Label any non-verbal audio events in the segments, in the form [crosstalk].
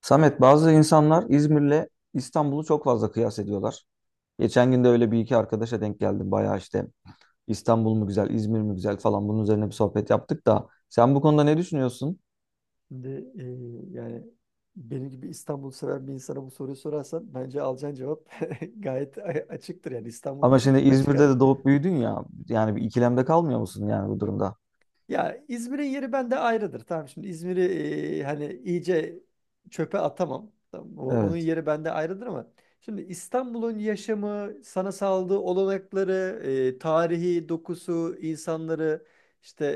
Samet, bazı insanlar İzmir'le İstanbul'u çok fazla kıyas ediyorlar. Geçen gün de öyle bir iki arkadaşa denk geldim. Bayağı işte İstanbul mu güzel, İzmir mi güzel falan bunun üzerine bir sohbet yaptık da sen bu konuda ne düşünüyorsun? Şimdi yani benim gibi İstanbul seven bir insana bu soruyu sorarsan bence alacağın cevap [laughs] gayet açıktır, yani İstanbul Ama şimdi derim açık İzmir'de ara. de doğup büyüdün ya. Yani bir ikilemde kalmıyor musun yani bu durumda? Ya İzmir'in yeri bende ayrıdır. Tamam, şimdi İzmir'i hani iyice çöpe atamam. Tamam, onun Evet, yeri bende ayrıdır, ama şimdi İstanbul'un yaşamı, sana sağladığı olanakları, tarihi dokusu, insanları, işte,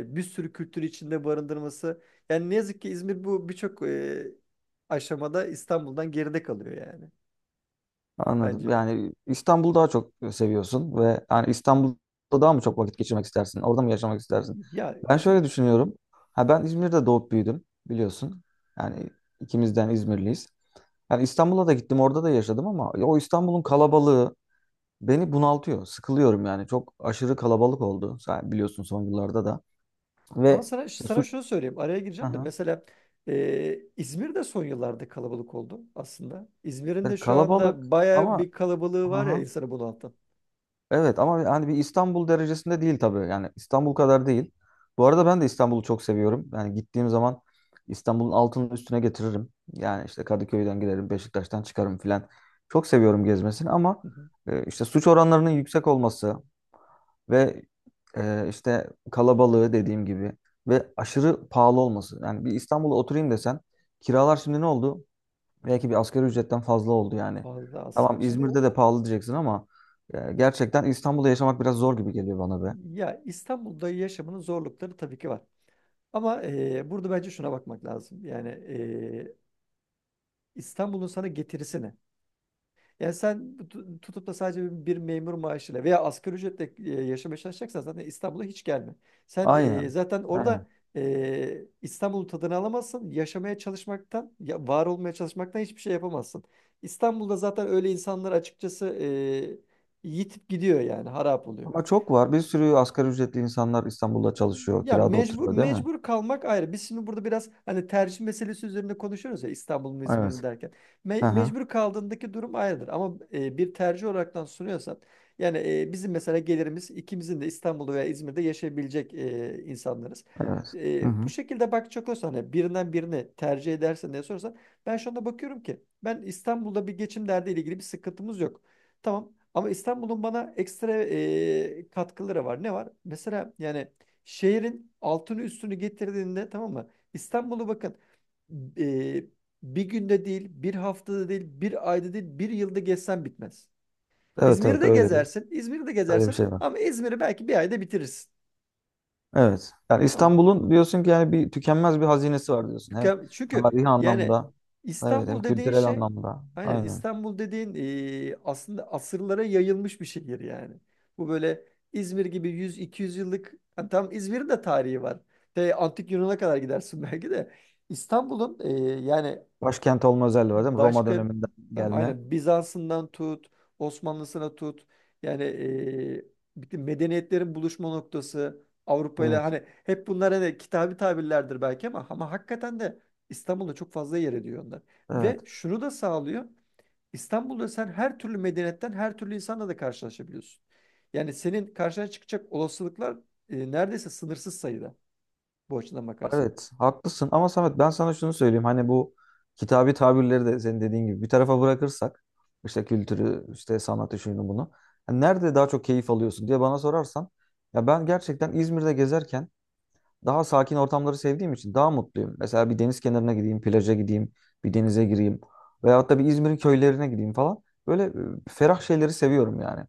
bir sürü kültür içinde barındırması. Yani ne yazık ki İzmir bu birçok aşamada İstanbul'dan geride kalıyor, yani, anladım. bence. Yani İstanbul'u daha çok seviyorsun ve yani İstanbul'da daha mı çok vakit geçirmek istersin? Orada mı yaşamak istersin? Ya Ben şöyle şimdi düşünüyorum. Ha ben İzmir'de doğup büyüdüm biliyorsun. Yani ikimizden İzmirliyiz. Yani İstanbul'a da gittim, orada da yaşadım ama ya o İstanbul'un kalabalığı beni bunaltıyor. Sıkılıyorum yani. Çok aşırı kalabalık oldu. Sen biliyorsun son yıllarda da. Ama Ve sana, işte sana suç. şunu söyleyeyim. Araya Hı gireceğim de. hı. Mesela İzmir de son yıllarda kalabalık oldu aslında. İzmir'in de Yani şu kalabalık anda baya ama bir kalabalığı hı var ya, hı. insanı bunaltan. Evet ama hani bir İstanbul derecesinde değil tabii. Yani İstanbul kadar değil. Bu arada ben de İstanbul'u çok seviyorum. Yani gittiğim zaman İstanbul'un altının üstüne getiririm. Yani işte Kadıköy'den giderim, Beşiktaş'tan çıkarım filan. Çok seviyorum gezmesini ama Hı hı. İşte suç oranlarının yüksek olması ve işte kalabalığı dediğim gibi ve aşırı pahalı olması. Yani bir İstanbul'a oturayım desen kiralar şimdi ne oldu? Belki bir asgari ücretten fazla oldu yani. Fazla aslında. Tamam Şimdi o, İzmir'de de o- pahalı diyeceksin ama gerçekten İstanbul'da yaşamak biraz zor gibi geliyor bana be. ya, İstanbul'da yaşamının zorlukları tabii ki var. Ama burada bence şuna bakmak lazım. Yani İstanbul'un sana getirisi ne? Yani sen tutup da sadece bir memur maaşıyla veya asgari ücretle yaşamaya çalışacaksan zaten İstanbul'a hiç gelme. Sen Aynen. zaten Aynen. orada İstanbul'un tadını alamazsın. Yaşamaya çalışmaktan, ya, var olmaya çalışmaktan hiçbir şey yapamazsın. İstanbul'da zaten öyle insanlar, açıkçası, yitip gidiyor, yani harap oluyor. Ama çok var. Bir sürü asgari ücretli insanlar İstanbul'da çalışıyor, Ya, kirada mecbur oturuyor değil mi? mecbur kalmak ayrı. Biz şimdi burada biraz hani tercih meselesi üzerinde konuşuyoruz ya, İstanbul mu İzmir mi Evet. derken. Hı hı. Mecbur kaldığındaki durum ayrıdır. Ama bir tercih olaraktan sunuyorsan, yani, bizim mesela gelirimiz ikimizin de İstanbul'da veya İzmir'de yaşayabilecek insanlarız. Evet. Hı Bu hı. şekilde bakacak olursan, hani birinden birini tercih edersen diye sorarsan, ben şu anda bakıyorum ki, ben, İstanbul'da bir geçim derdiyle ilgili bir sıkıntımız yok. Tamam, ama İstanbul'un bana ekstra katkıları var. Ne var? Mesela, yani, şehrin altını üstünü getirdiğinde, tamam mı, İstanbul'u, bakın, e, bir günde değil, bir haftada değil, bir ayda değil, bir yılda gezsen bitmez. Evet İzmir'i evet de öyle bir gezersin, İzmir'i de öyle bir gezersin, şey var. ama İzmir'i belki bir ayda bitirirsin. Evet. Yani Tamam mı? İstanbul'un diyorsun ki yani bir tükenmez bir hazinesi var diyorsun. Hem Çünkü tarihi yani anlamda, evet hem İstanbul dediğin kültürel şey anlamda. aynen, Aynen. İstanbul dediğin, aslında asırlara yayılmış bir şehir, yani. Bu böyle İzmir gibi 100-200 yıllık, ha, tam, İzmir'in de tarihi var. Antik Yunan'a kadar gidersin belki de. İstanbul'un e, yani Başkent olma özelliği var değil mi? Roma Başka döneminden tam gelme. aynen Bizans'ından tut, Osmanlısına tut. Yani, bütün medeniyetlerin buluşma noktası Avrupa ile, Evet. hani hep bunlar hani kitabi tabirlerdir belki, ama, ama hakikaten de İstanbul'da çok fazla yer ediyor onlar. Ve Evet. şunu da sağlıyor. İstanbul'da sen her türlü medeniyetten, her türlü insanla da karşılaşabiliyorsun. Yani, senin karşına çıkacak olasılıklar neredeyse sınırsız sayıda, bu açıdan bakarsan. Evet. Haklısın ama Samet ben sana şunu söyleyeyim. Hani bu kitabi tabirleri de senin dediğin gibi bir tarafa bırakırsak işte kültürü, işte sanatı, şunu bunu. Hani nerede daha çok keyif alıyorsun diye bana sorarsan ya ben gerçekten İzmir'de gezerken daha sakin ortamları sevdiğim için daha mutluyum. Mesela bir deniz kenarına gideyim, plaja gideyim, bir denize gireyim. Veyahut da bir İzmir'in köylerine gideyim falan. Böyle ferah şeyleri seviyorum yani.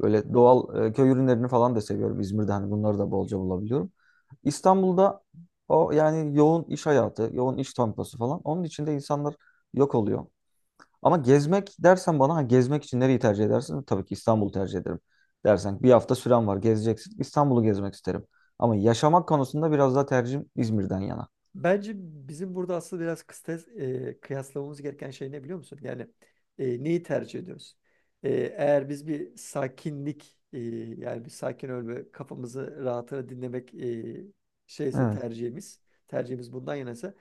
Böyle doğal köy ürünlerini falan da seviyorum. İzmir'de hani bunları da bolca bulabiliyorum. İstanbul'da o yani yoğun iş hayatı, yoğun iş temposu falan. Onun içinde insanlar yok oluyor. Ama gezmek dersen bana ha, gezmek için nereyi tercih edersin? Tabii ki İstanbul'u tercih ederim. Dersen bir hafta süren var gezeceksin. İstanbul'u gezmek isterim. Ama yaşamak konusunda biraz daha tercihim İzmir'den yana. Bence bizim burada aslında biraz kıyaslamamız gereken şey ne, biliyor musun? Yani neyi tercih ediyoruz? E, Eğer biz bir sakinlik, yani, bir sakin ölme, kafamızı rahatına dinlemek şeyse Evet, tercihimiz tercihimiz bundan yanaysa,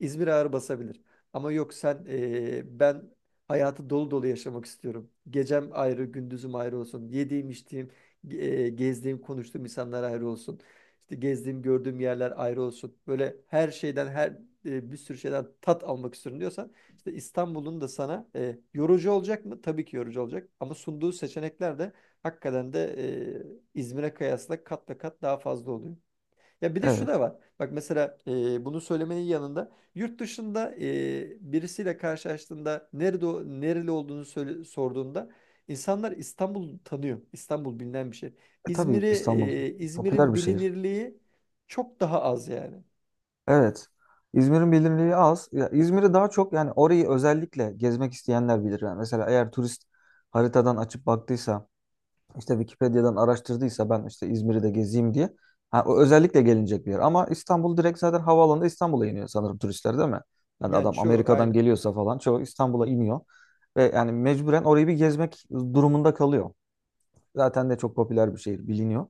İzmir ağır basabilir. Ama, yok, sen, ben hayatı dolu dolu yaşamak istiyorum. Gecem ayrı, gündüzüm ayrı olsun. Yediğim, içtiğim, gezdiğim, konuştuğum insanlar ayrı olsun. İşte gezdiğim, gördüğüm yerler ayrı olsun. Böyle her şeyden, bir sürü şeyden tat almak istiyorum diyorsan, işte İstanbul'un da sana yorucu olacak mı? Tabii ki yorucu olacak. Ama sunduğu seçenekler de hakikaten de İzmir'e kıyasla kat ve kat daha fazla oluyor. Ya, bir de şu da evet. var. Bak, mesela, bunu söylemenin yanında, yurt dışında birisiyle karşılaştığında nerede, nereli olduğunu sorduğunda, insanlar İstanbul'u tanıyor. İstanbul bilinen bir şey. E, tabii İstanbul popüler İzmir'in bir şehir. bilinirliği çok daha az, yani. Evet. İzmir'in bilinirliği az. Ya İzmir'i daha çok yani orayı özellikle gezmek isteyenler bilir. Yani mesela eğer turist haritadan açıp baktıysa, işte Wikipedia'dan araştırdıysa ben işte İzmir'i de gezeyim diye. Ha, o özellikle gelinecek bir yer. Ama İstanbul direkt zaten havaalanında İstanbul'a iniyor sanırım turistler değil mi? Yani Yani adam çoğu Amerika'dan aynı. geliyorsa falan çoğu İstanbul'a iniyor. Ve yani mecburen orayı bir gezmek durumunda kalıyor. Zaten de çok popüler bir şehir biliniyor.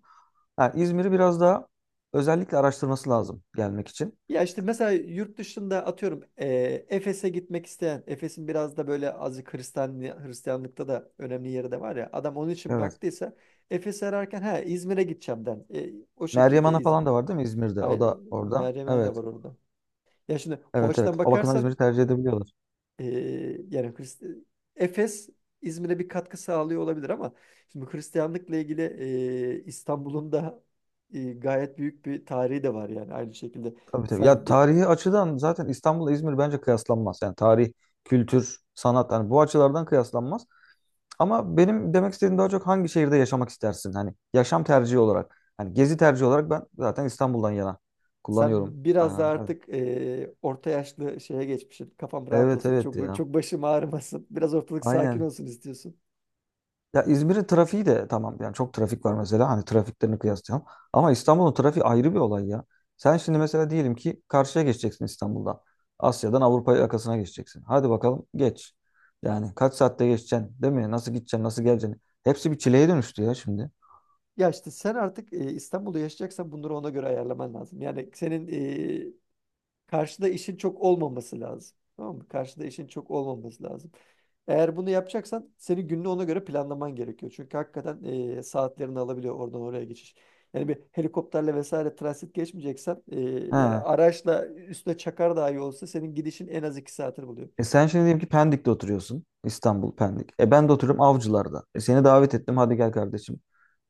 Yani İzmir'i biraz daha özellikle araştırması lazım gelmek için. Ya, işte mesela yurt dışında, atıyorum, Efes'e gitmek isteyen, Efes'in biraz da böyle azıcık Hristiyanlıkta da önemli yeri de var ya. Adam onun için Evet. baktıysa, Efes'i ararken, ha, İzmir'e gideceğim den, o Meryem şekilde Ana İzmir. falan da var değil mi İzmir'de? O Aynı, da orada. Meryem'e de Evet. var orada. Ya, şimdi o Evet evet. açıdan O bakımdan bakarsan, İzmir'i tercih edebiliyorlar. e, yani Hrist- Efes İzmir'e bir katkı sağlıyor olabilir, ama şimdi Hristiyanlıkla ilgili İstanbul'un da gayet büyük bir tarihi de var, yani aynı şekilde. Tabii tabii. Ya Sen bir tarihi açıdan zaten İstanbul'la İzmir bence kıyaslanmaz. Yani tarih, kültür, sanat yani bu açılardan kıyaslanmaz. Ama benim demek istediğim daha çok hangi şehirde yaşamak istersin? Hani yaşam tercihi olarak. Hani gezi tercihi olarak ben zaten İstanbul'dan yana Sen kullanıyorum. biraz Aa, da artık orta yaşlı şeye geçmişsin. Kafam rahat evet evet olsun. evet Çok böyle, ya. çok başım ağrımasın. Biraz ortalık sakin Aynen. olsun istiyorsun. Ya İzmir'in trafiği de tamam yani çok trafik var mesela hani trafiklerini kıyaslayalım. Ama İstanbul'un trafiği ayrı bir olay ya. Sen şimdi mesela diyelim ki karşıya geçeceksin İstanbul'dan. Asya'dan Avrupa yakasına geçeceksin. Hadi bakalım geç. Yani kaç saatte geçeceksin değil mi? Nasıl gideceksin nasıl geleceksin? Hepsi bir çileye dönüştü ya şimdi. Ya, işte, sen artık İstanbul'da yaşayacaksan, bunları ona göre ayarlaman lazım. Yani, senin karşıda işin çok olmaması lazım. Tamam mı? Karşıda işin çok olmaması lazım. Eğer bunu yapacaksan, senin gününü ona göre planlaman gerekiyor. Çünkü hakikaten saatlerini alabiliyor oradan oraya geçiş. Yani bir helikopterle vesaire transit geçmeyeceksen, He. yani araçla, üstüne çakar dahi olsa, senin gidişin en az 2 saatini buluyor. E sen şimdi diyelim ki Pendik'te oturuyorsun. İstanbul, Pendik. E ben de oturuyorum Avcılar'da. E seni davet ettim. Hadi gel kardeşim.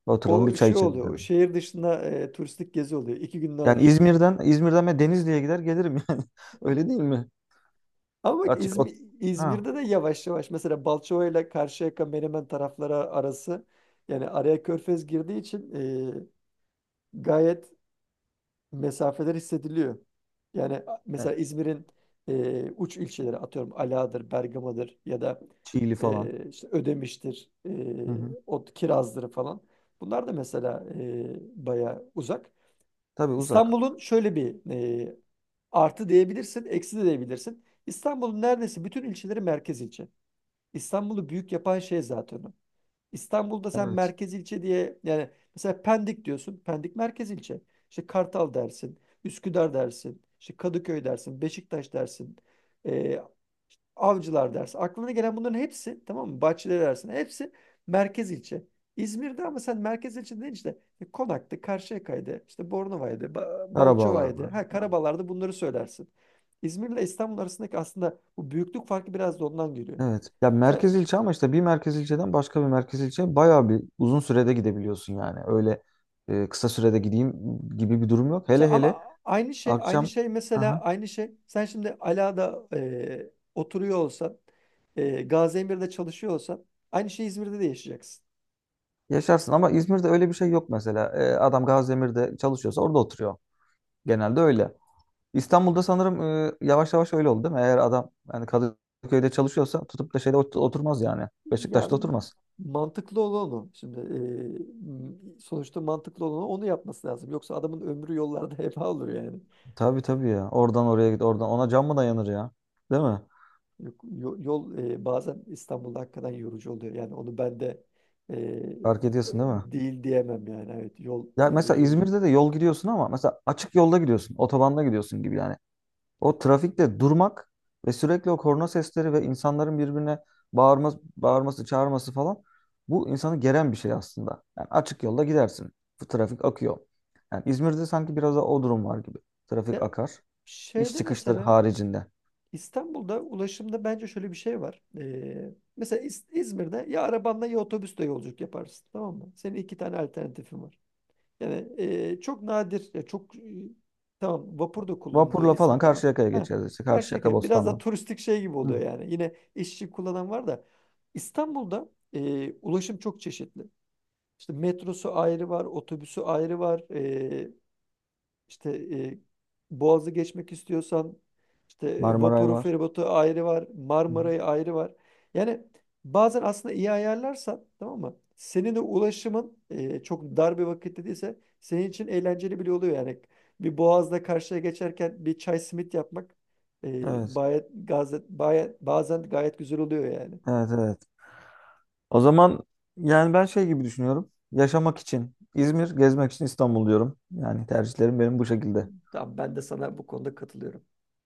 Oturalım bir O çay şey içelim oluyor. O, dedim. şehir dışında, turistik gezi oluyor. 2 gününü Yani alır. İzmir'den ben Denizli'ye gider gelirim [laughs] yani. Öyle değil mi? Ama bak, Açık ot. Ha. İzmir'de de yavaş yavaş, mesela, Balçova ile Karşıyaka Menemen tarafları arası, yani araya Körfez girdiği için, gayet mesafeler hissediliyor. Yani E, mesela İzmir'in uç ilçeleri, atıyorum, Ala'dır, Bergama'dır, ya da Çiğli falan. İşte Ödemiş'tir, Hı hı. o Kiraz'dır falan. Bunlar da mesela baya uzak. Tabii uzak. İstanbul'un şöyle bir e, artı diyebilirsin, eksi de diyebilirsin. İstanbul'un neredeyse bütün ilçeleri merkez ilçe. İstanbul'u büyük yapan şey zaten o. İstanbul'da sen Evet. merkez ilçe diye, yani, mesela Pendik diyorsun. Pendik merkez ilçe. İşte Kartal dersin, Üsküdar dersin, işte Kadıköy dersin, Beşiktaş dersin, e, Avcılar dersin. Aklına gelen bunların hepsi, tamam mı, Bahçeleri dersin. Hepsi merkez ilçe. İzmir'de ama sen merkez ilçe deyince, işte Konak'tı, Karşıyaka'ydı, işte Bornova'ydı, Karabağlar Balçova'ydı. var. Ha, Ha. Karabalar'da, bunları söylersin. İzmir'le İstanbul arasındaki aslında bu büyüklük farkı biraz da ondan geliyor. Evet. Ya Sen, merkez ilçe ama işte bir merkez ilçeden başka bir merkez ilçe bayağı bir uzun sürede gidebiliyorsun yani. Öyle kısa sürede gideyim gibi bir durum yok. işte Hele hele ama aynı şey aynı akşam. şey mesela aynı şey sen şimdi Ala'da oturuyor olsan, Gaziemir'de çalışıyor olsan, aynı şey İzmir'de de yaşayacaksın. Yaşarsın ama İzmir'de öyle bir şey yok mesela. Adam Gaziemir'de çalışıyorsa orada oturuyor. Genelde öyle. İstanbul'da sanırım yavaş yavaş öyle oldu değil mi? Eğer adam yani Kadıköy'de çalışıyorsa tutup da şeyde oturmaz yani. Ya, Beşiktaş'ta oturmaz. mantıklı olan o. Şimdi, sonuçta, mantıklı olan o, onu yapması lazım. Yoksa adamın ömrü yollarda [laughs] heba olur, yani. Tabii tabii ya. Oradan oraya git oradan. Ona can mı dayanır ya? Değil mi? Yok, yol, bazen İstanbul'da hakikaten yorucu oluyor. Yani onu ben de e, Fark ediyorsun değil mi? değil diyemem, yani. Evet, yol Ya mesela yorucu. İzmir'de de yol gidiyorsun ama mesela açık yolda gidiyorsun. Otobanda gidiyorsun gibi yani. O trafikte durmak ve sürekli o korna sesleri ve insanların birbirine bağırması, bağırması, çağırması falan bu insanı geren bir şey aslında. Yani açık yolda gidersin. Bu trafik akıyor. Yani İzmir'de sanki biraz da o durum var gibi. Trafik Ya, akar. İş şeyde, çıkışları mesela, haricinde. İstanbul'da ulaşımda bence şöyle bir şey var. Mesela İzmir'de ya arabanla ya otobüsle yolculuk yaparsın, tamam mı? Senin 2 tane alternatifin var. Yani çok nadir, ya çok, tamam, vapur da kullanılıyor Vapurla falan İzmir'de, ama, Karşıyaka'ya ha, geçeriz işte. Karşıyaka, Karşıyaka biraz da Bostanlı. turistik şey gibi Hı. oluyor, yani. Yine işçi kullanan var da, İstanbul'da ulaşım çok çeşitli. İşte metrosu ayrı var, otobüsü ayrı var, işte e, Boğaz'ı geçmek istiyorsan, işte, Marmaray vapuru, var. feribotu ayrı var, Hı hı. Marmara'yı ayrı var. Yani, bazen aslında iyi ayarlarsan, tamam mı, senin de ulaşımın çok dar bir vakitte değilse, senin için eğlenceli bile oluyor, yani. Bir Boğaz'da karşıya geçerken bir çay simit yapmak e, Evet. Bazen gayet güzel oluyor, yani. Evet, evet. O zaman yani ben şey gibi düşünüyorum. Yaşamak için İzmir, gezmek için İstanbul diyorum. Yani tercihlerim benim bu şekilde. Tamam, ben de sana bu konuda katılıyorum.